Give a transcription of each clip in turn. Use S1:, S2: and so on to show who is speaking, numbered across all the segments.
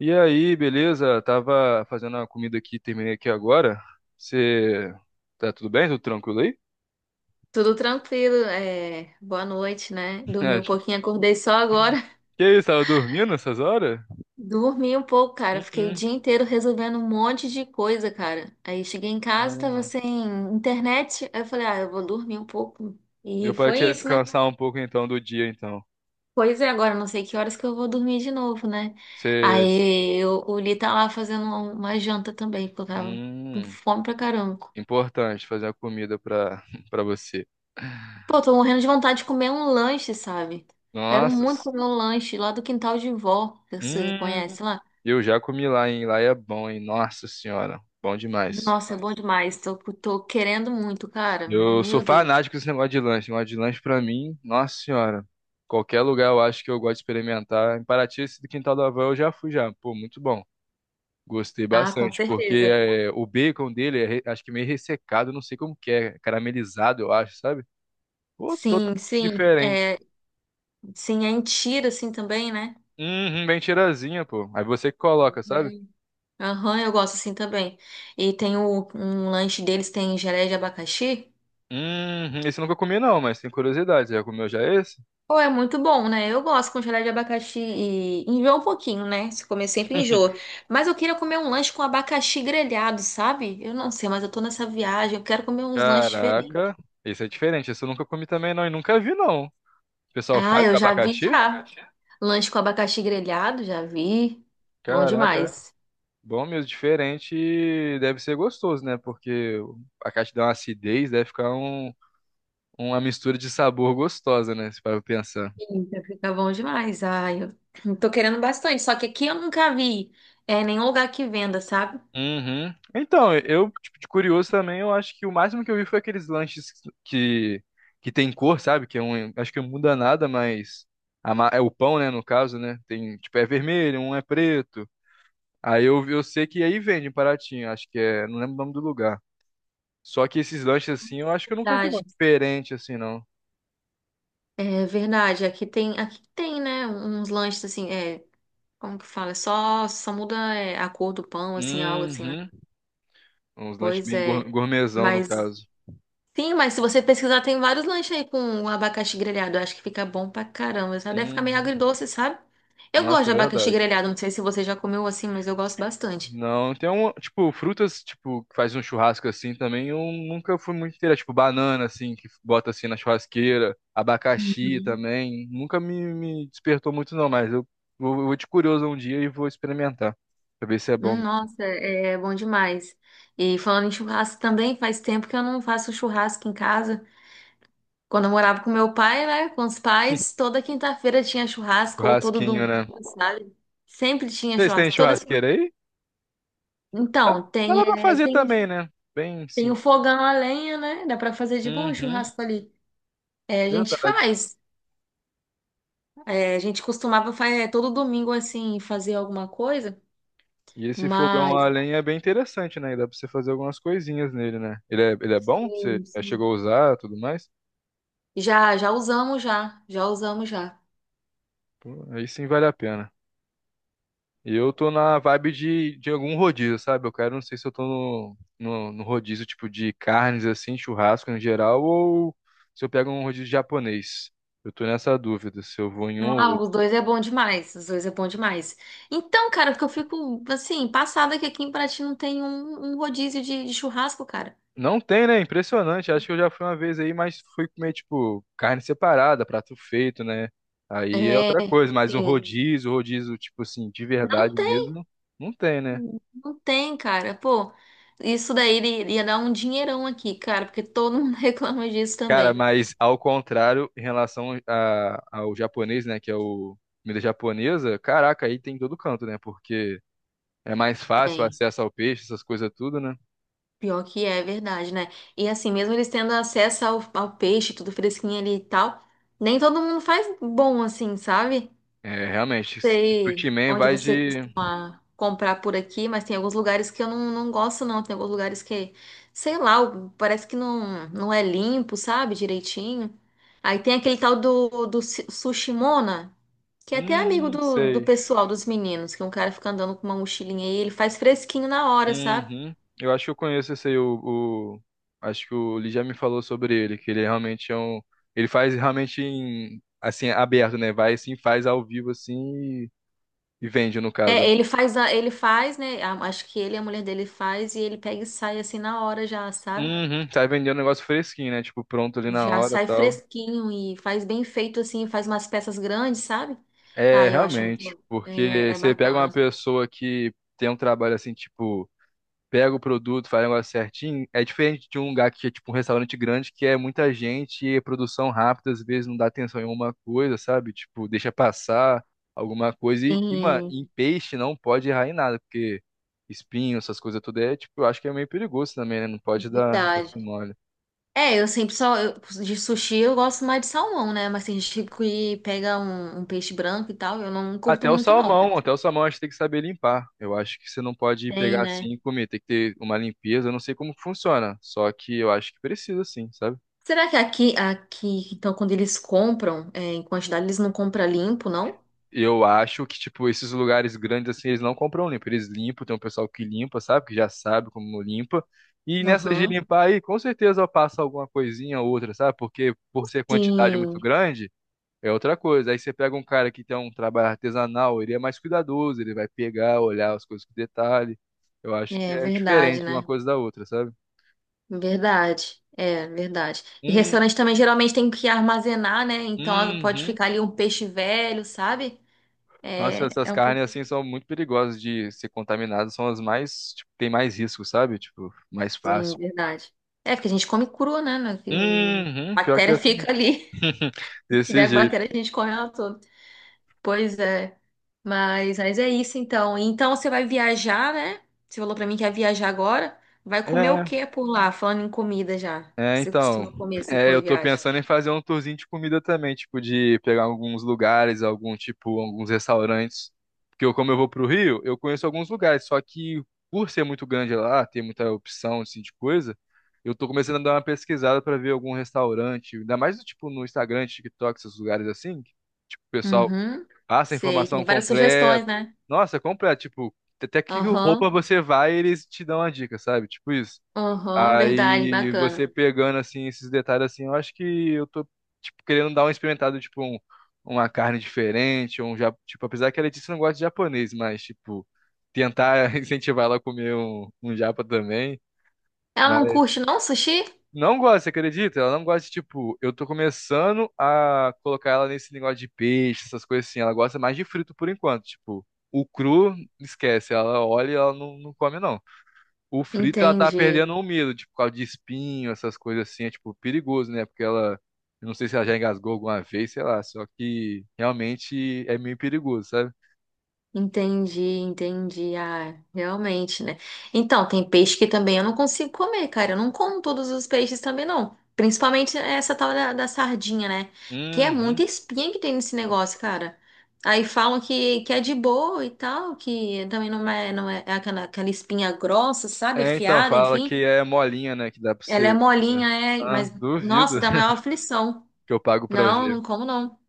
S1: E aí, beleza? Tava fazendo a comida aqui, terminei aqui agora. Você tá tudo bem? Tudo tranquilo aí?
S2: Tudo tranquilo, boa noite, né? Dormi
S1: É,
S2: um pouquinho, acordei só agora.
S1: que isso, tava dormindo essas horas?
S2: Dormi um pouco, cara. Fiquei o
S1: Hum,
S2: dia inteiro resolvendo um monte de coisa, cara. Aí cheguei em casa, tava
S1: Ah,
S2: sem internet. Aí eu falei, eu vou dormir um pouco.
S1: deu
S2: E
S1: pra
S2: foi
S1: te
S2: isso, né?
S1: descansar um pouco então do dia, então.
S2: Pois é, agora não sei que horas que eu vou dormir de novo, né?
S1: Você,
S2: O Li tá lá fazendo uma janta também, porque eu tava com
S1: hum,
S2: fome pra caramba.
S1: importante fazer a comida pra para você.
S2: Pô, tô morrendo de vontade de comer um lanche, sabe? Quero
S1: Nossa,
S2: muito comer um lanche lá do quintal de vó, que você
S1: hum,
S2: conhece lá.
S1: eu já comi lá, hein? Lá é bom, hein? Nossa senhora, bom demais.
S2: Nossa, é bom demais. Tô querendo muito, cara.
S1: Eu sou
S2: Meu Deus.
S1: fanático desse negócio de lanche. Negócio de lanche pra mim, nossa senhora. Qualquer lugar eu acho que eu gosto de experimentar. Em Paraty, esse do Quintal da Avó eu já fui já. Pô, muito bom. Gostei
S2: Ah, com
S1: bastante, porque
S2: certeza.
S1: é, o bacon dele é acho que meio ressecado, não sei como que é, caramelizado, eu acho, sabe? Pô, totalmente
S2: Sim, sim.
S1: diferente.
S2: É, sim, é em Tira, assim, também, né?
S1: Uhum, bem tirazinha, pô. Aí você que coloca, sabe?
S2: Bem. Aham, eu gosto assim também. E tem um lanche deles, tem geleia de abacaxi.
S1: Uhum, esse eu nunca comi não, mas tem curiosidade. Você já comeu já esse?
S2: Pô, é muito bom, né? Eu gosto com gelé de abacaxi e enjoa um pouquinho, né? Se comer sempre enjoa. Mas eu queria comer um lanche com abacaxi grelhado, sabe? Eu não sei, mas eu tô nessa viagem, eu quero comer uns lanches diferentes.
S1: Caraca, esse é diferente. Esse eu nunca comi também não e nunca vi não. O pessoal
S2: Ah,
S1: faz com
S2: eu já vi
S1: abacaxi?
S2: já. Lanche com abacaxi grelhado, já vi. Bom
S1: Caraca,
S2: demais.
S1: bom mesmo, diferente e deve ser gostoso, né? Porque a caixa dá uma acidez, deve ficar uma mistura de sabor gostosa, né? Se para pensar.
S2: Eita, fica bom demais. Ai, eu tô querendo bastante. Só que aqui eu nunca vi, é, nenhum lugar que venda, sabe?
S1: Uhum. Então, eu, tipo, de curioso também, eu acho que o máximo que eu vi foi aqueles lanches que, que tem cor, sabe? Que é um, acho que não muda nada, mas é o pão, né? No caso, né? Tem, tipo, é vermelho, um é preto. Aí eu sei que aí vende em Paraty, acho que é, não lembro o nome do lugar. Só que esses lanches assim, eu acho que eu nunca vi não
S2: Verdade.
S1: diferente assim, não.
S2: É verdade. Aqui tem, né? Uns lanches assim, é. Como que fala? Só muda é, a cor do pão, assim, algo assim, né?
S1: Uhum. Uns lanches
S2: Pois
S1: bem
S2: é.
S1: gourmetzão, no
S2: Mas,
S1: caso.
S2: sim, mas se você pesquisar, tem vários lanches aí com um abacaxi grelhado. Eu acho que fica bom pra caramba, sabe? Deve ficar meio
S1: Uhum.
S2: agridoce, sabe? Eu gosto
S1: Nossa,
S2: de
S1: é
S2: abacaxi
S1: verdade.
S2: grelhado. Não sei se você já comeu assim, mas eu gosto bastante.
S1: Não, tem um, tipo, frutas, tipo, que faz um churrasco assim também, eu nunca fui muito inteira, tipo, banana, assim, que bota assim na churrasqueira, abacaxi
S2: Uhum.
S1: também, nunca me despertou muito não, mas eu vou de curioso um dia e vou experimentar, pra ver se é bom.
S2: Nossa, é bom demais. E falando em churrasco também, faz tempo que eu não faço churrasco em casa. Quando eu morava com meu pai, né? Com os pais, toda quinta-feira tinha churrasco, ou todo
S1: Churrasquinho,
S2: domingo,
S1: né?
S2: sabe? Sempre tinha
S1: Vocês têm
S2: churrasco. Toda...
S1: churrasqueira aí? Dá,
S2: Então,
S1: dá
S2: tem,
S1: lá pra
S2: é,
S1: fazer
S2: tem,
S1: também, né? Bem
S2: tem o
S1: simples.
S2: fogão a lenha, né? Dá pra fazer de boa o
S1: Uhum,
S2: churrasco ali. É, a gente
S1: verdade.
S2: faz. É, a gente costumava fazer todo domingo, assim, fazer alguma coisa,
S1: E esse fogão
S2: mas
S1: a lenha é bem interessante, né? E dá pra você fazer algumas coisinhas nele, né? Ele é bom? Você
S2: sim,
S1: já
S2: sim.
S1: chegou a usar e tudo mais?
S2: Já, já usamos já. Já usamos já.
S1: Pô, aí sim vale a pena. E eu tô na vibe de algum rodízio, sabe? Eu quero, não sei se eu tô no rodízio tipo de carnes, assim, churrasco em geral, ou se eu pego um rodízio japonês. Eu tô nessa dúvida, se eu vou em um ou
S2: Ah,
S1: outro.
S2: os dois é bom demais. Os dois é bom demais. Então, cara, porque eu fico assim, passada que aqui em Paraty não tem um rodízio de churrasco, cara.
S1: Não tem, né? Impressionante. Acho que eu já fui uma vez aí, mas fui comer, tipo, carne separada, prato feito, né? Aí é
S2: É,
S1: outra coisa, mas um
S2: sim.
S1: rodízio, rodízio, tipo assim, de
S2: Não
S1: verdade
S2: tem,
S1: mesmo, não tem, né?
S2: não tem, cara. Pô, isso daí ele- ia dar um dinheirão aqui, cara, porque todo mundo reclama disso
S1: Cara,
S2: também.
S1: mas ao contrário, em relação ao japonês, né? Que é o comida japonesa, caraca, aí tem em todo canto, né? Porque é mais fácil o
S2: Tem.
S1: acesso ao peixe, essas coisas tudo, né?
S2: Pior que é, é verdade, né? E assim, mesmo eles tendo acesso ao, ao peixe, tudo fresquinho ali e tal, nem todo mundo faz bom assim, sabe?
S1: É, realmente, o sushi
S2: Sei
S1: man
S2: onde
S1: vai
S2: você
S1: de.
S2: comprar por aqui, mas tem alguns lugares que eu não gosto, não. Tem alguns lugares que, sei lá, o- parece que não é limpo, sabe, direitinho. Aí tem aquele tal do, do Su- Sushimona, que é até amigo do, do
S1: Sei.
S2: pessoal, dos meninos, que um cara fica andando com uma mochilinha e ele faz fresquinho na hora, sabe?
S1: Uhum. Eu acho que eu conheço esse aí, Acho que o Lee já me falou sobre ele, que ele realmente é um... Ele faz realmente em... assim, aberto, né? Vai assim, faz ao vivo assim e, e vende, no caso,
S2: É,
S1: né?
S2: ele faz, a- ele faz, né? a- Acho que ele, e a mulher dele faz e ele pega e sai assim na hora já, sabe?
S1: Uhum. Sai vendendo um negócio fresquinho, né? Tipo, pronto ali na
S2: Já
S1: hora e
S2: sai
S1: tal.
S2: fresquinho e faz bem feito assim, faz umas peças grandes, sabe?
S1: É,
S2: Ah, eu acho muito
S1: realmente,
S2: bom. É,
S1: porque
S2: é
S1: você pega uma
S2: bacana.
S1: pessoa que tem um trabalho assim, tipo... pega o produto, faz o negócio certinho, é diferente de um lugar que é tipo um restaurante grande, que é muita gente e produção rápida, às vezes não dá atenção em uma coisa, sabe? Tipo, deixa passar alguma coisa. E mano,
S2: Sim,
S1: em peixe não pode errar em nada, porque espinho, essas coisas todas, é, tipo, eu acho que é meio perigoso também, né? Não pode dar esse
S2: verdade.
S1: mole.
S2: É, eu sempre só. Eu- de sushi eu gosto mais de salmão, né? Mas tem gente que pega um peixe branco e tal, eu não curto muito, não.
S1: Até o salmão acho que tem que saber limpar. Eu acho que você não pode
S2: Tem,
S1: pegar
S2: né?
S1: assim e comer, tem que ter uma limpeza, eu não sei como funciona, só que eu acho que precisa sim, sabe?
S2: Será que aqui, então, quando eles compram, é, em quantidade, eles não compram limpo, não?
S1: Eu acho que, tipo, esses lugares grandes, assim, eles não compram limpo. Eles limpam, tem um pessoal que limpa, sabe? Que já sabe como limpa. E nessa de
S2: Aham.
S1: limpar aí, com certeza passa alguma coisinha ou outra, sabe? Porque por ser quantidade muito
S2: Sim,
S1: grande, é outra coisa. Aí você pega um cara que tem um trabalho artesanal, ele é mais cuidadoso, ele vai pegar, olhar as coisas com detalhe. Eu acho que
S2: é
S1: é
S2: verdade,
S1: diferente uma
S2: né?
S1: coisa da outra, sabe?
S2: Verdade, é verdade. E
S1: Hum,
S2: restaurante também geralmente tem que armazenar, né? Então ela pode
S1: uhum.
S2: ficar ali um peixe velho, sabe?
S1: Nossa,
S2: É,
S1: essas
S2: é um pouco.
S1: carnes assim são muito perigosas de ser contaminadas, são as mais, tipo, tem mais risco, sabe? Tipo, mais
S2: Sim,
S1: fácil.
S2: verdade. É, porque a gente come cru, né? né,
S1: Uhum, pior que é
S2: bactéria
S1: assim,
S2: fica ali. Se
S1: desse
S2: tiver
S1: jeito.
S2: bactéria, a gente come ela toda. Pois é. Mas é isso então. Então você vai viajar, né? Você falou pra mim que ia viajar agora. Vai comer o
S1: É,
S2: que por lá? Falando em comida já.
S1: é,
S2: Você
S1: então.
S2: costuma comer assim
S1: É, eu
S2: quando
S1: tô
S2: viaja?
S1: pensando em fazer um tourzinho de comida também, tipo, de pegar alguns lugares, algum tipo, alguns restaurantes. Porque eu, como eu vou pro Rio, eu conheço alguns lugares, só que por ser muito grande lá, ter muita opção, assim, de coisa, eu tô começando a dar uma pesquisada pra ver algum restaurante, ainda mais, tipo, no Instagram, TikTok, esses lugares assim, que, tipo, o pessoal
S2: Uhum.
S1: passa a
S2: Sei.
S1: informação
S2: Tem várias
S1: completa.
S2: sugestões, né?
S1: Nossa, completa. Tipo, até que roupa
S2: Aham,
S1: você vai, eles te dão a dica, sabe? Tipo isso.
S2: aham, verdade,
S1: Aí
S2: bacana.
S1: você pegando assim esses detalhes assim, eu acho que eu tô tipo querendo dar uma experimentada, tipo uma carne diferente, tipo, apesar que a Letícia não gosta de japonês, mas tipo tentar incentivar ela a comer um japa também.
S2: Ela não curte não sushi?
S1: Não gosta, você acredita? Ela não gosta de, tipo, eu tô começando a colocar ela nesse negócio de peixe, essas coisas assim. Ela gosta mais de frito por enquanto, tipo, o cru, esquece, ela olha e ela não come, não. O frito, ela tá
S2: Entendi,
S1: perdendo o medo, tipo, por causa de espinho, essas coisas assim, é, tipo, perigoso, né? Porque ela, eu não sei se ela já engasgou alguma vez, sei lá, só que realmente é meio perigoso, sabe?
S2: entendi, entendi. Ah, realmente, né? Então, tem peixe que também eu não consigo comer, cara. Eu não como todos os peixes também, não. Principalmente essa tal da, da sardinha, né? Que é
S1: Uhum.
S2: muita espinha que tem nesse negócio, cara. Aí falam que é de boa e tal, que também não é, não é, é aquela, aquela espinha grossa, sabe?
S1: É, então,
S2: Afiada,
S1: fala
S2: enfim.
S1: que é molinha, né, que dá pra
S2: Ela é
S1: você comer.
S2: molinha, é,
S1: Ah,
S2: mas,
S1: duvido
S2: nossa, dá maior aflição.
S1: que eu pago pra
S2: Não,
S1: ver.
S2: não como não.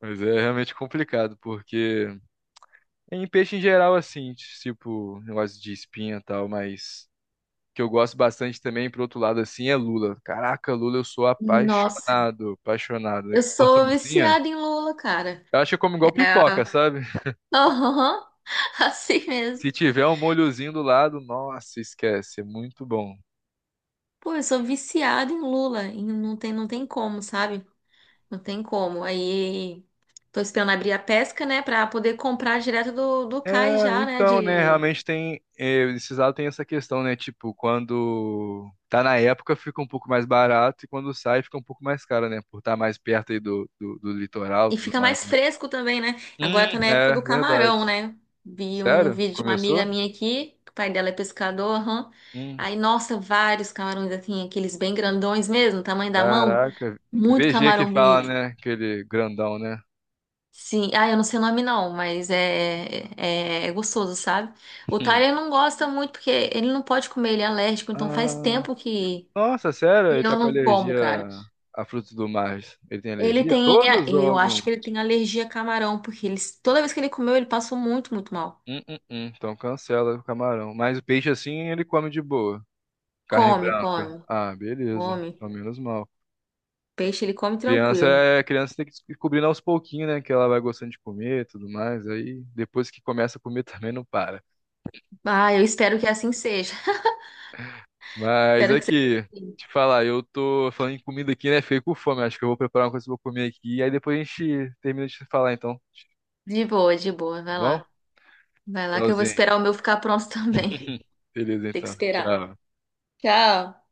S1: Mas é realmente complicado, porque em peixe em geral, assim, tipo, negócio de espinha e tal, mas que eu gosto bastante também, por outro lado, assim, é lula. Caraca, lula, eu sou
S2: Nossa,
S1: apaixonado, apaixonado.
S2: eu sou
S1: Porçãozinha,
S2: viciada em lula, cara.
S1: eu acho que eu como igual
S2: É.
S1: pipoca, sabe?
S2: Aham, assim mesmo.
S1: Se tiver um molhozinho do lado, nossa, esquece, é muito bom.
S2: Pô, eu sou viciada em lula e não tem, não tem como, sabe? Não tem como. Aí tô esperando abrir a pesca, né, pra poder comprar direto do, do cais
S1: É,
S2: já, né,
S1: então, né,
S2: de
S1: realmente tem, é, esses lados tem essa questão, né, tipo, quando tá na época fica um pouco mais barato e quando sai fica um pouco mais caro, né, por estar mais perto aí do litoral e
S2: E
S1: tudo
S2: fica
S1: mais,
S2: mais
S1: né.
S2: fresco também, né? Agora tá na época
S1: É,
S2: do
S1: verdade.
S2: camarão, né? Vi um
S1: Sério?
S2: vídeo de uma amiga
S1: Começou?
S2: minha aqui, que o pai dela é pescador, aham.
S1: Hum,
S2: Aí, nossa, vários camarões, assim, aqueles bem grandões mesmo, tamanho da mão.
S1: caraca.
S2: Muito
S1: VG que
S2: camarão
S1: fala,
S2: bonito.
S1: né, aquele grandão, né.
S2: Sim, ah, eu não sei o nome não, mas é gostoso, sabe? O
S1: Hum.
S2: Tyler não gosta muito porque ele não pode comer, ele é alérgico, então faz
S1: Ah,
S2: tempo
S1: nossa, sério?
S2: que
S1: Ele
S2: eu
S1: tá com
S2: não como,
S1: alergia
S2: cara.
S1: a frutos do mar. Ele tem
S2: Ele
S1: alergia? A
S2: tem,
S1: todos ou
S2: eu
S1: algum?
S2: acho que ele tem alergia a camarão, porque ele, toda vez que ele comeu, ele passou muito, muito mal.
S1: Então cancela o camarão. Mas o peixe assim ele come de boa. Carne
S2: Come,
S1: branca.
S2: come,
S1: Ah, beleza.
S2: come.
S1: Ao menos mal.
S2: Peixe ele come
S1: Criança
S2: tranquilo.
S1: é criança tem que ir descobrindo aos pouquinhos, né? Que ela vai gostando de comer e tudo mais. Aí depois que começa a comer também não para.
S2: Ah, eu espero que assim seja.
S1: Mas
S2: Espero que seja
S1: aqui,
S2: assim.
S1: te falar, eu tô falando em comida aqui, né? Fiquei com fome. Acho que eu vou preparar uma coisa que eu vou comer aqui. E aí depois a gente termina de falar então. Tá
S2: De boa, de boa. Vai
S1: bom?
S2: lá. Vai lá que eu vou
S1: Tchauzinho.
S2: esperar o meu ficar pronto também.
S1: Beleza
S2: Tem que
S1: então.
S2: esperar.
S1: Tchau.
S2: Tchau.